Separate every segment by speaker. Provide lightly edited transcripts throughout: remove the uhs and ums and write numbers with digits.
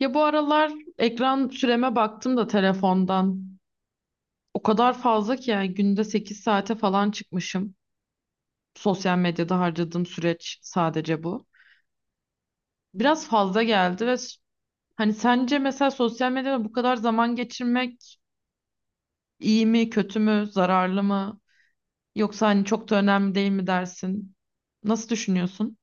Speaker 1: Ya bu aralar ekran süreme baktım da telefondan. O kadar fazla ki yani günde 8 saate falan çıkmışım. Sosyal medyada harcadığım süreç sadece bu. Biraz fazla geldi ve hani sence mesela sosyal medyada bu kadar zaman geçirmek iyi mi, kötü mü, zararlı mı? Yoksa hani çok da önemli değil mi dersin? Nasıl düşünüyorsun?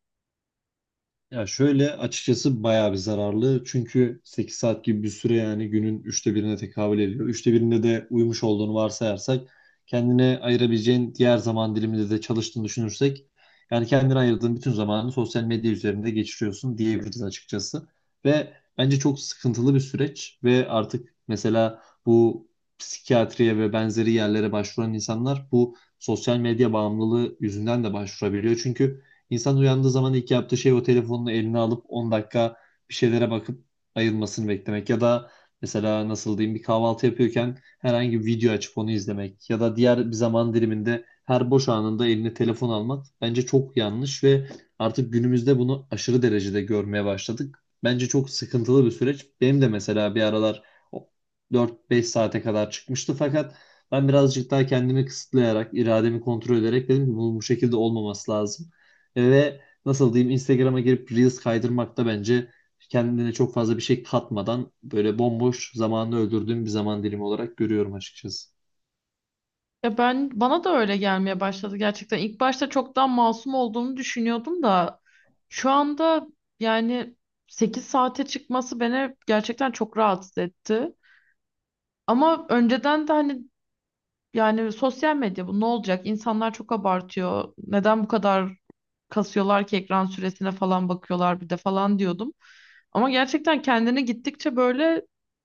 Speaker 2: Ya şöyle açıkçası bayağı bir zararlı. Çünkü 8 saat gibi bir süre yani günün üçte birine tekabül ediyor. Üçte birinde de uyumuş olduğunu varsayarsak kendine ayırabileceğin diğer zaman diliminde de çalıştığını düşünürsek yani kendine ayırdığın bütün zamanı sosyal medya üzerinde geçiriyorsun diyebiliriz açıkçası. Ve bence çok sıkıntılı bir süreç ve artık mesela bu psikiyatriye ve benzeri yerlere başvuran insanlar bu sosyal medya bağımlılığı yüzünden de başvurabiliyor. Çünkü İnsan uyandığı zaman ilk yaptığı şey o telefonunu eline alıp 10 dakika bir şeylere bakıp ayılmasını beklemek ya da mesela nasıl diyeyim bir kahvaltı yapıyorken herhangi bir video açıp onu izlemek ya da diğer bir zaman diliminde her boş anında eline telefon almak bence çok yanlış ve artık günümüzde bunu aşırı derecede görmeye başladık. Bence çok sıkıntılı bir süreç. Benim de mesela bir aralar o 4-5 saate kadar çıkmıştı fakat ben birazcık daha kendimi kısıtlayarak, irademi kontrol ederek dedim ki bunun bu şekilde olmaması lazım. Ve nasıl diyeyim Instagram'a girip Reels kaydırmak da bence kendine çok fazla bir şey katmadan böyle bomboş zamanını öldürdüğüm bir zaman dilimi olarak görüyorum açıkçası.
Speaker 1: Ya ben bana da öyle gelmeye başladı gerçekten. İlk başta çok daha masum olduğunu düşünüyordum da şu anda yani 8 saate çıkması beni gerçekten çok rahatsız etti. Ama önceden de hani yani sosyal medya bu ne olacak? İnsanlar çok abartıyor. Neden bu kadar kasıyorlar ki ekran süresine falan bakıyorlar bir de falan diyordum. Ama gerçekten kendine gittikçe böyle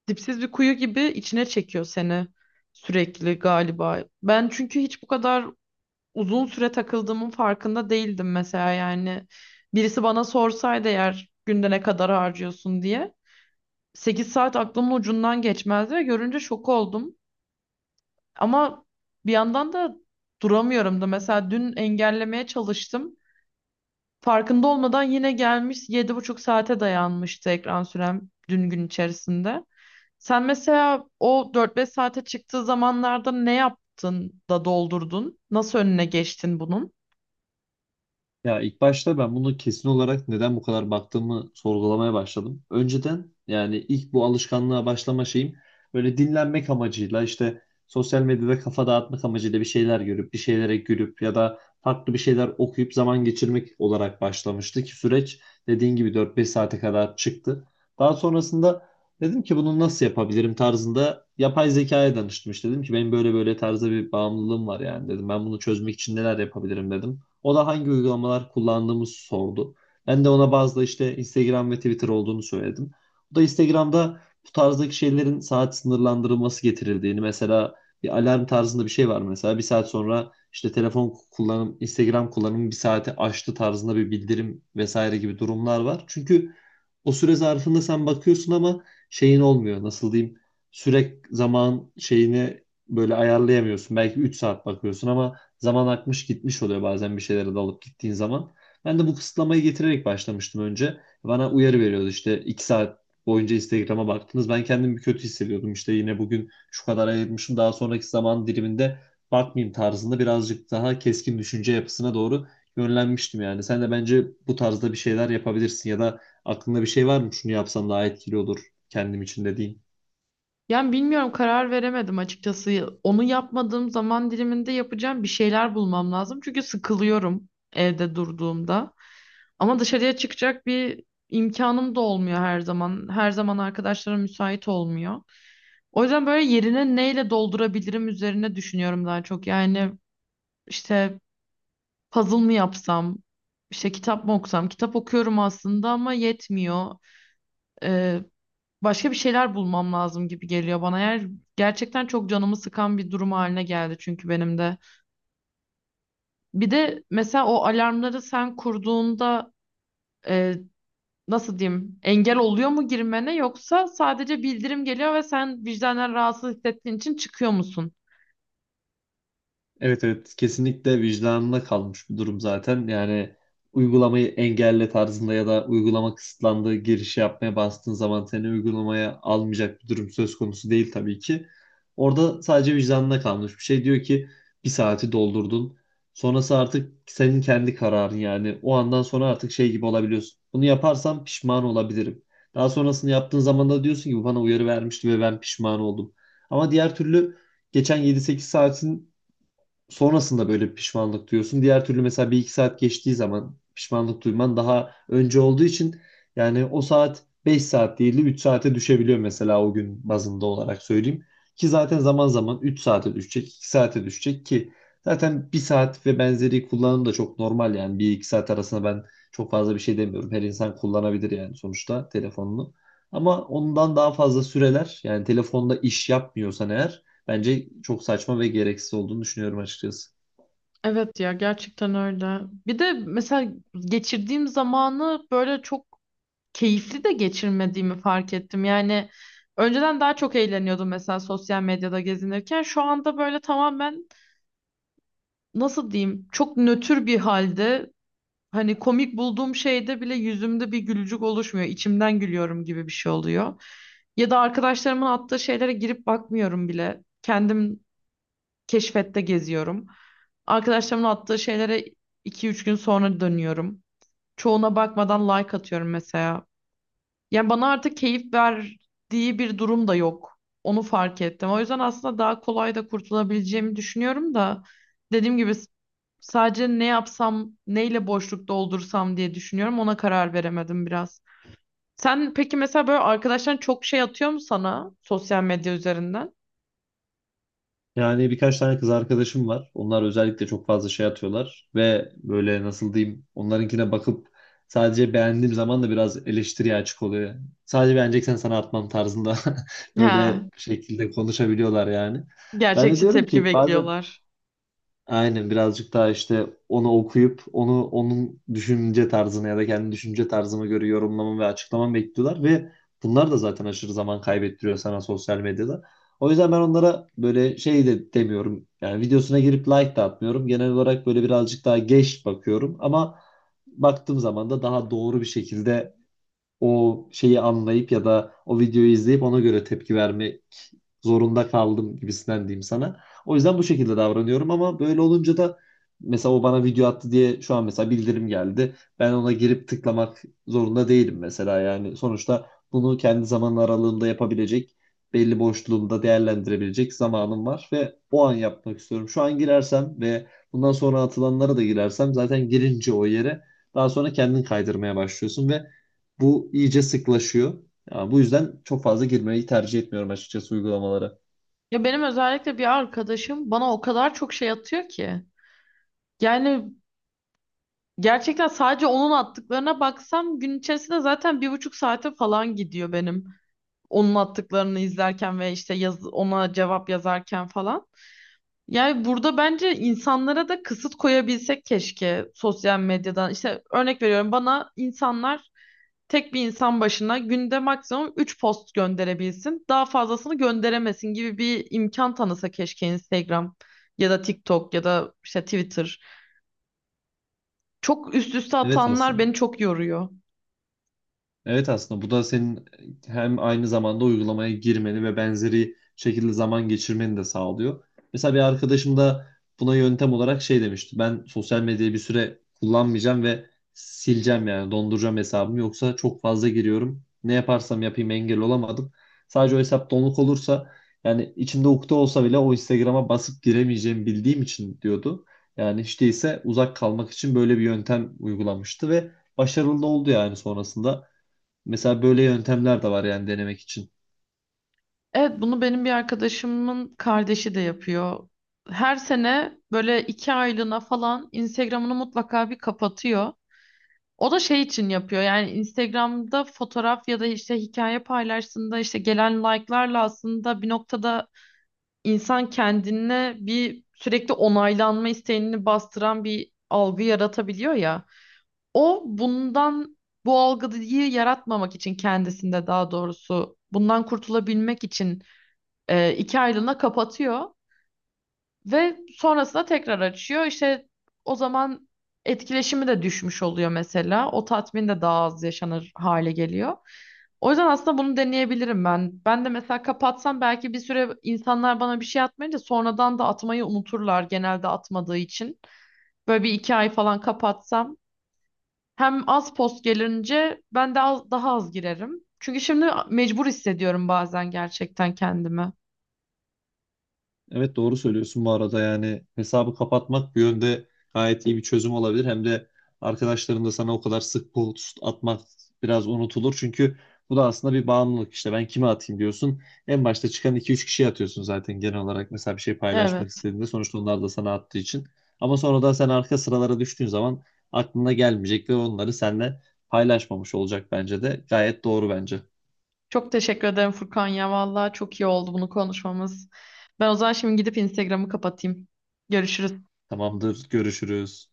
Speaker 1: dipsiz bir kuyu gibi içine çekiyor seni sürekli galiba. Ben çünkü hiç bu kadar uzun süre takıldığımın farkında değildim mesela yani. Birisi bana sorsaydı eğer günde ne kadar harcıyorsun diye 8 saat aklımın ucundan geçmezdi ve görünce şok oldum. Ama bir yandan da duramıyorum da mesela dün engellemeye çalıştım. Farkında olmadan yine gelmiş 7,5 saate dayanmıştı ekran sürem dün gün içerisinde. Sen mesela o 4-5 saate çıktığı zamanlarda ne yaptın da doldurdun? Nasıl önüne geçtin bunun?
Speaker 2: Ya ilk başta ben bunu kesin olarak neden bu kadar baktığımı sorgulamaya başladım. Önceden yani ilk bu alışkanlığa başlama şeyim böyle dinlenmek amacıyla işte sosyal medyada kafa dağıtmak amacıyla bir şeyler görüp bir şeylere gülüp ya da farklı bir şeyler okuyup zaman geçirmek olarak başlamıştı ki süreç dediğin gibi 4-5 saate kadar çıktı. Daha sonrasında dedim ki bunu nasıl yapabilirim tarzında yapay zekaya danıştım. İşte dedim ki benim böyle böyle tarzda bir bağımlılığım var yani dedim, ben bunu çözmek için neler yapabilirim dedim. O da hangi uygulamalar kullandığımızı sordu. Ben de ona bazı da işte Instagram ve Twitter olduğunu söyledim. O da Instagram'da bu tarzdaki şeylerin saat sınırlandırılması getirildiğini, mesela bir alarm tarzında bir şey var, mesela bir saat sonra işte telefon kullanım, Instagram kullanımı bir saati aştı tarzında bir bildirim vesaire gibi durumlar var. Çünkü o süre zarfında sen bakıyorsun ama şeyin olmuyor, nasıl diyeyim, süre zaman şeyini böyle ayarlayamıyorsun. Belki 3 saat bakıyorsun ama zaman akmış gitmiş oluyor bazen bir şeylere dalıp gittiğin zaman. Ben de bu kısıtlamayı getirerek başlamıştım önce. Bana uyarı veriyordu işte, 2 saat boyunca Instagram'a baktınız. Ben kendimi bir kötü hissediyordum. İşte yine bugün şu kadar ayırmışım. Daha sonraki zaman diliminde bakmayayım tarzında birazcık daha keskin düşünce yapısına doğru yönlenmiştim yani. Sen de bence bu tarzda bir şeyler yapabilirsin ya da aklında bir şey var mı? Şunu yapsam daha etkili olur kendim için dediğin.
Speaker 1: Yani bilmiyorum karar veremedim açıkçası. Onu yapmadığım zaman diliminde yapacağım bir şeyler bulmam lazım. Çünkü sıkılıyorum evde durduğumda. Ama dışarıya çıkacak bir imkanım da olmuyor her zaman. Her zaman arkadaşlara müsait olmuyor. O yüzden böyle yerine neyle doldurabilirim üzerine düşünüyorum daha çok. Yani işte puzzle mı yapsam, işte kitap mı okusam? Kitap okuyorum aslında ama yetmiyor. Ee, Başka bir şeyler bulmam lazım gibi geliyor bana. Eğer gerçekten çok canımı sıkan bir durum haline geldi çünkü benim de. Bir de mesela o alarmları sen kurduğunda e, nasıl diyeyim engel oluyor mu girmene yoksa sadece bildirim geliyor ve sen vicdanen rahatsız hissettiğin için çıkıyor musun?
Speaker 2: Evet, evet, kesinlikle vicdanına kalmış bir durum zaten. Yani uygulamayı engelle tarzında ya da uygulama kısıtlandığı girişi yapmaya bastığın zaman seni uygulamaya almayacak bir durum söz konusu değil tabii ki. Orada sadece vicdanına kalmış bir şey. Diyor ki bir saati doldurdun. Sonrası artık senin kendi kararın yani. O andan sonra artık şey gibi olabiliyorsun. Bunu yaparsam pişman olabilirim. Daha sonrasını yaptığın zaman da diyorsun ki bu bana uyarı vermişti ve ben pişman oldum. Ama diğer türlü geçen 7-8 saatin sonrasında böyle pişmanlık duyuyorsun. Diğer türlü mesela 1-2 saat geçtiği zaman pişmanlık duyman daha önce olduğu için yani o saat 5 saat değil de üç saate düşebiliyor mesela, o gün bazında olarak söyleyeyim. Ki zaten zaman zaman 3 saate düşecek, 2 saate düşecek ki zaten bir saat ve benzeri kullanım da çok normal, yani 1-2 saat arasında ben çok fazla bir şey demiyorum. Her insan kullanabilir yani sonuçta telefonunu. Ama ondan daha fazla süreler, yani telefonda iş yapmıyorsan eğer, bence çok saçma ve gereksiz olduğunu düşünüyorum açıkçası.
Speaker 1: Evet ya gerçekten öyle. Bir de mesela geçirdiğim zamanı böyle çok keyifli de geçirmediğimi fark ettim. Yani önceden daha çok eğleniyordum mesela sosyal medyada gezinirken. Şu anda böyle tamamen nasıl diyeyim çok nötr bir halde hani komik bulduğum şeyde bile yüzümde bir gülücük oluşmuyor. İçimden gülüyorum gibi bir şey oluyor. Ya da arkadaşlarımın attığı şeylere girip bakmıyorum bile. Kendim keşfette geziyorum. Arkadaşlarımın attığı şeylere 2-3 gün sonra dönüyorum. Çoğuna bakmadan like atıyorum mesela. Yani bana artık keyif verdiği bir durum da yok. Onu fark ettim. O yüzden aslında daha kolay da kurtulabileceğimi düşünüyorum da dediğim gibi sadece ne yapsam, neyle boşluk doldursam diye düşünüyorum. Ona karar veremedim biraz. Sen peki mesela böyle arkadaşların çok şey atıyor mu sana sosyal medya üzerinden?
Speaker 2: Yani birkaç tane kız arkadaşım var. Onlar özellikle çok fazla şey atıyorlar ve böyle nasıl diyeyim onlarınkine bakıp sadece beğendiğim zaman da biraz eleştiriye açık oluyor. Sadece beğeneceksen sana atmam tarzında
Speaker 1: Ha,
Speaker 2: böyle bir şekilde konuşabiliyorlar yani. Ben de
Speaker 1: gerçekçi
Speaker 2: diyorum
Speaker 1: tepki
Speaker 2: ki bazen
Speaker 1: bekliyorlar.
Speaker 2: aynen birazcık daha işte onu okuyup onu onun düşünce tarzını ya da kendi düşünce tarzımı göre yorumlamamı ve açıklamamı bekliyorlar ve bunlar da zaten aşırı zaman kaybettiriyor sana sosyal medyada. O yüzden ben onlara böyle şey de demiyorum. Yani videosuna girip like de atmıyorum. Genel olarak böyle birazcık daha geç bakıyorum ama baktığım zaman da daha doğru bir şekilde o şeyi anlayıp ya da o videoyu izleyip ona göre tepki vermek zorunda kaldım gibisinden diyeyim sana. O yüzden bu şekilde davranıyorum ama böyle olunca da mesela o bana video attı diye şu an mesela bildirim geldi. Ben ona girip tıklamak zorunda değilim mesela, yani sonuçta bunu kendi zaman aralığımda yapabilecek, belli boşluğumda değerlendirebilecek zamanım var ve o an yapmak istiyorum. Şu an girersem ve bundan sonra atılanlara da girersem zaten girince o yere daha sonra kendin kaydırmaya başlıyorsun ve bu iyice sıklaşıyor. Yani bu yüzden çok fazla girmeyi tercih etmiyorum açıkçası uygulamalara.
Speaker 1: Ya benim özellikle bir arkadaşım bana o kadar çok şey atıyor ki. Yani gerçekten sadece onun attıklarına baksam gün içerisinde zaten 1,5 saate falan gidiyor benim. Onun attıklarını izlerken ve işte yaz, ona cevap yazarken falan. Yani burada bence insanlara da kısıt koyabilsek keşke sosyal medyadan. İşte örnek veriyorum bana insanlar tek bir insan başına günde maksimum 3 post gönderebilsin. Daha fazlasını gönderemesin gibi bir imkan tanısa keşke Instagram ya da TikTok ya da işte Twitter. Çok üst üste
Speaker 2: Evet,
Speaker 1: atanlar
Speaker 2: aslında.
Speaker 1: beni çok yoruyor.
Speaker 2: Evet aslında bu da senin hem aynı zamanda uygulamaya girmeni ve benzeri şekilde zaman geçirmeni de sağlıyor. Mesela bir arkadaşım da buna yöntem olarak şey demişti. Ben sosyal medyayı bir süre kullanmayacağım ve sileceğim yani donduracağım hesabımı. Yoksa çok fazla giriyorum. Ne yaparsam yapayım engel olamadım. Sadece o hesap donuk olursa yani içimde ukde olsa bile o Instagram'a basıp giremeyeceğimi bildiğim için diyordu. Yani hiç değilse uzak kalmak için böyle bir yöntem uygulamıştı ve başarılı da oldu yani sonrasında. Mesela böyle yöntemler de var yani denemek için.
Speaker 1: Evet, bunu benim bir arkadaşımın kardeşi de yapıyor. Her sene böyle 2 aylığına falan Instagram'ını mutlaka bir kapatıyor. O da şey için yapıyor yani Instagram'da fotoğraf ya da işte hikaye paylaştığında işte gelen like'larla aslında bir noktada insan kendine bir sürekli onaylanma isteğini bastıran bir algı yaratabiliyor ya. O bundan bu algıyı yaratmamak için kendisinde daha doğrusu bundan kurtulabilmek için 2 aylığına kapatıyor. Ve sonrasında tekrar açıyor. İşte o zaman etkileşimi de düşmüş oluyor mesela. O tatmin de daha az yaşanır hale geliyor. O yüzden aslında bunu deneyebilirim ben. Ben de mesela kapatsam belki bir süre insanlar bana bir şey atmayınca sonradan da atmayı unuturlar genelde atmadığı için. Böyle bir 2 ay falan kapatsam hem az post gelince ben de az, daha az girerim. Çünkü şimdi mecbur hissediyorum bazen gerçekten kendimi.
Speaker 2: Evet, doğru söylüyorsun bu arada, yani hesabı kapatmak bir yönde gayet iyi bir çözüm olabilir. Hem de arkadaşların da sana o kadar sık post atmak biraz unutulur. Çünkü bu da aslında bir bağımlılık, işte ben kime atayım diyorsun. En başta çıkan 2-3 kişiye atıyorsun zaten genel olarak mesela bir şey
Speaker 1: Evet.
Speaker 2: paylaşmak istediğinde sonuçta onlar da sana attığı için. Ama sonradan sen arka sıralara düştüğün zaman aklına gelmeyecek ve onları seninle paylaşmamış olacak bence de. Gayet doğru bence.
Speaker 1: Çok teşekkür ederim Furkan ya. Vallahi çok iyi oldu bunu konuşmamız. Ben o zaman şimdi gidip Instagram'ı kapatayım. Görüşürüz.
Speaker 2: Tamamdır, görüşürüz.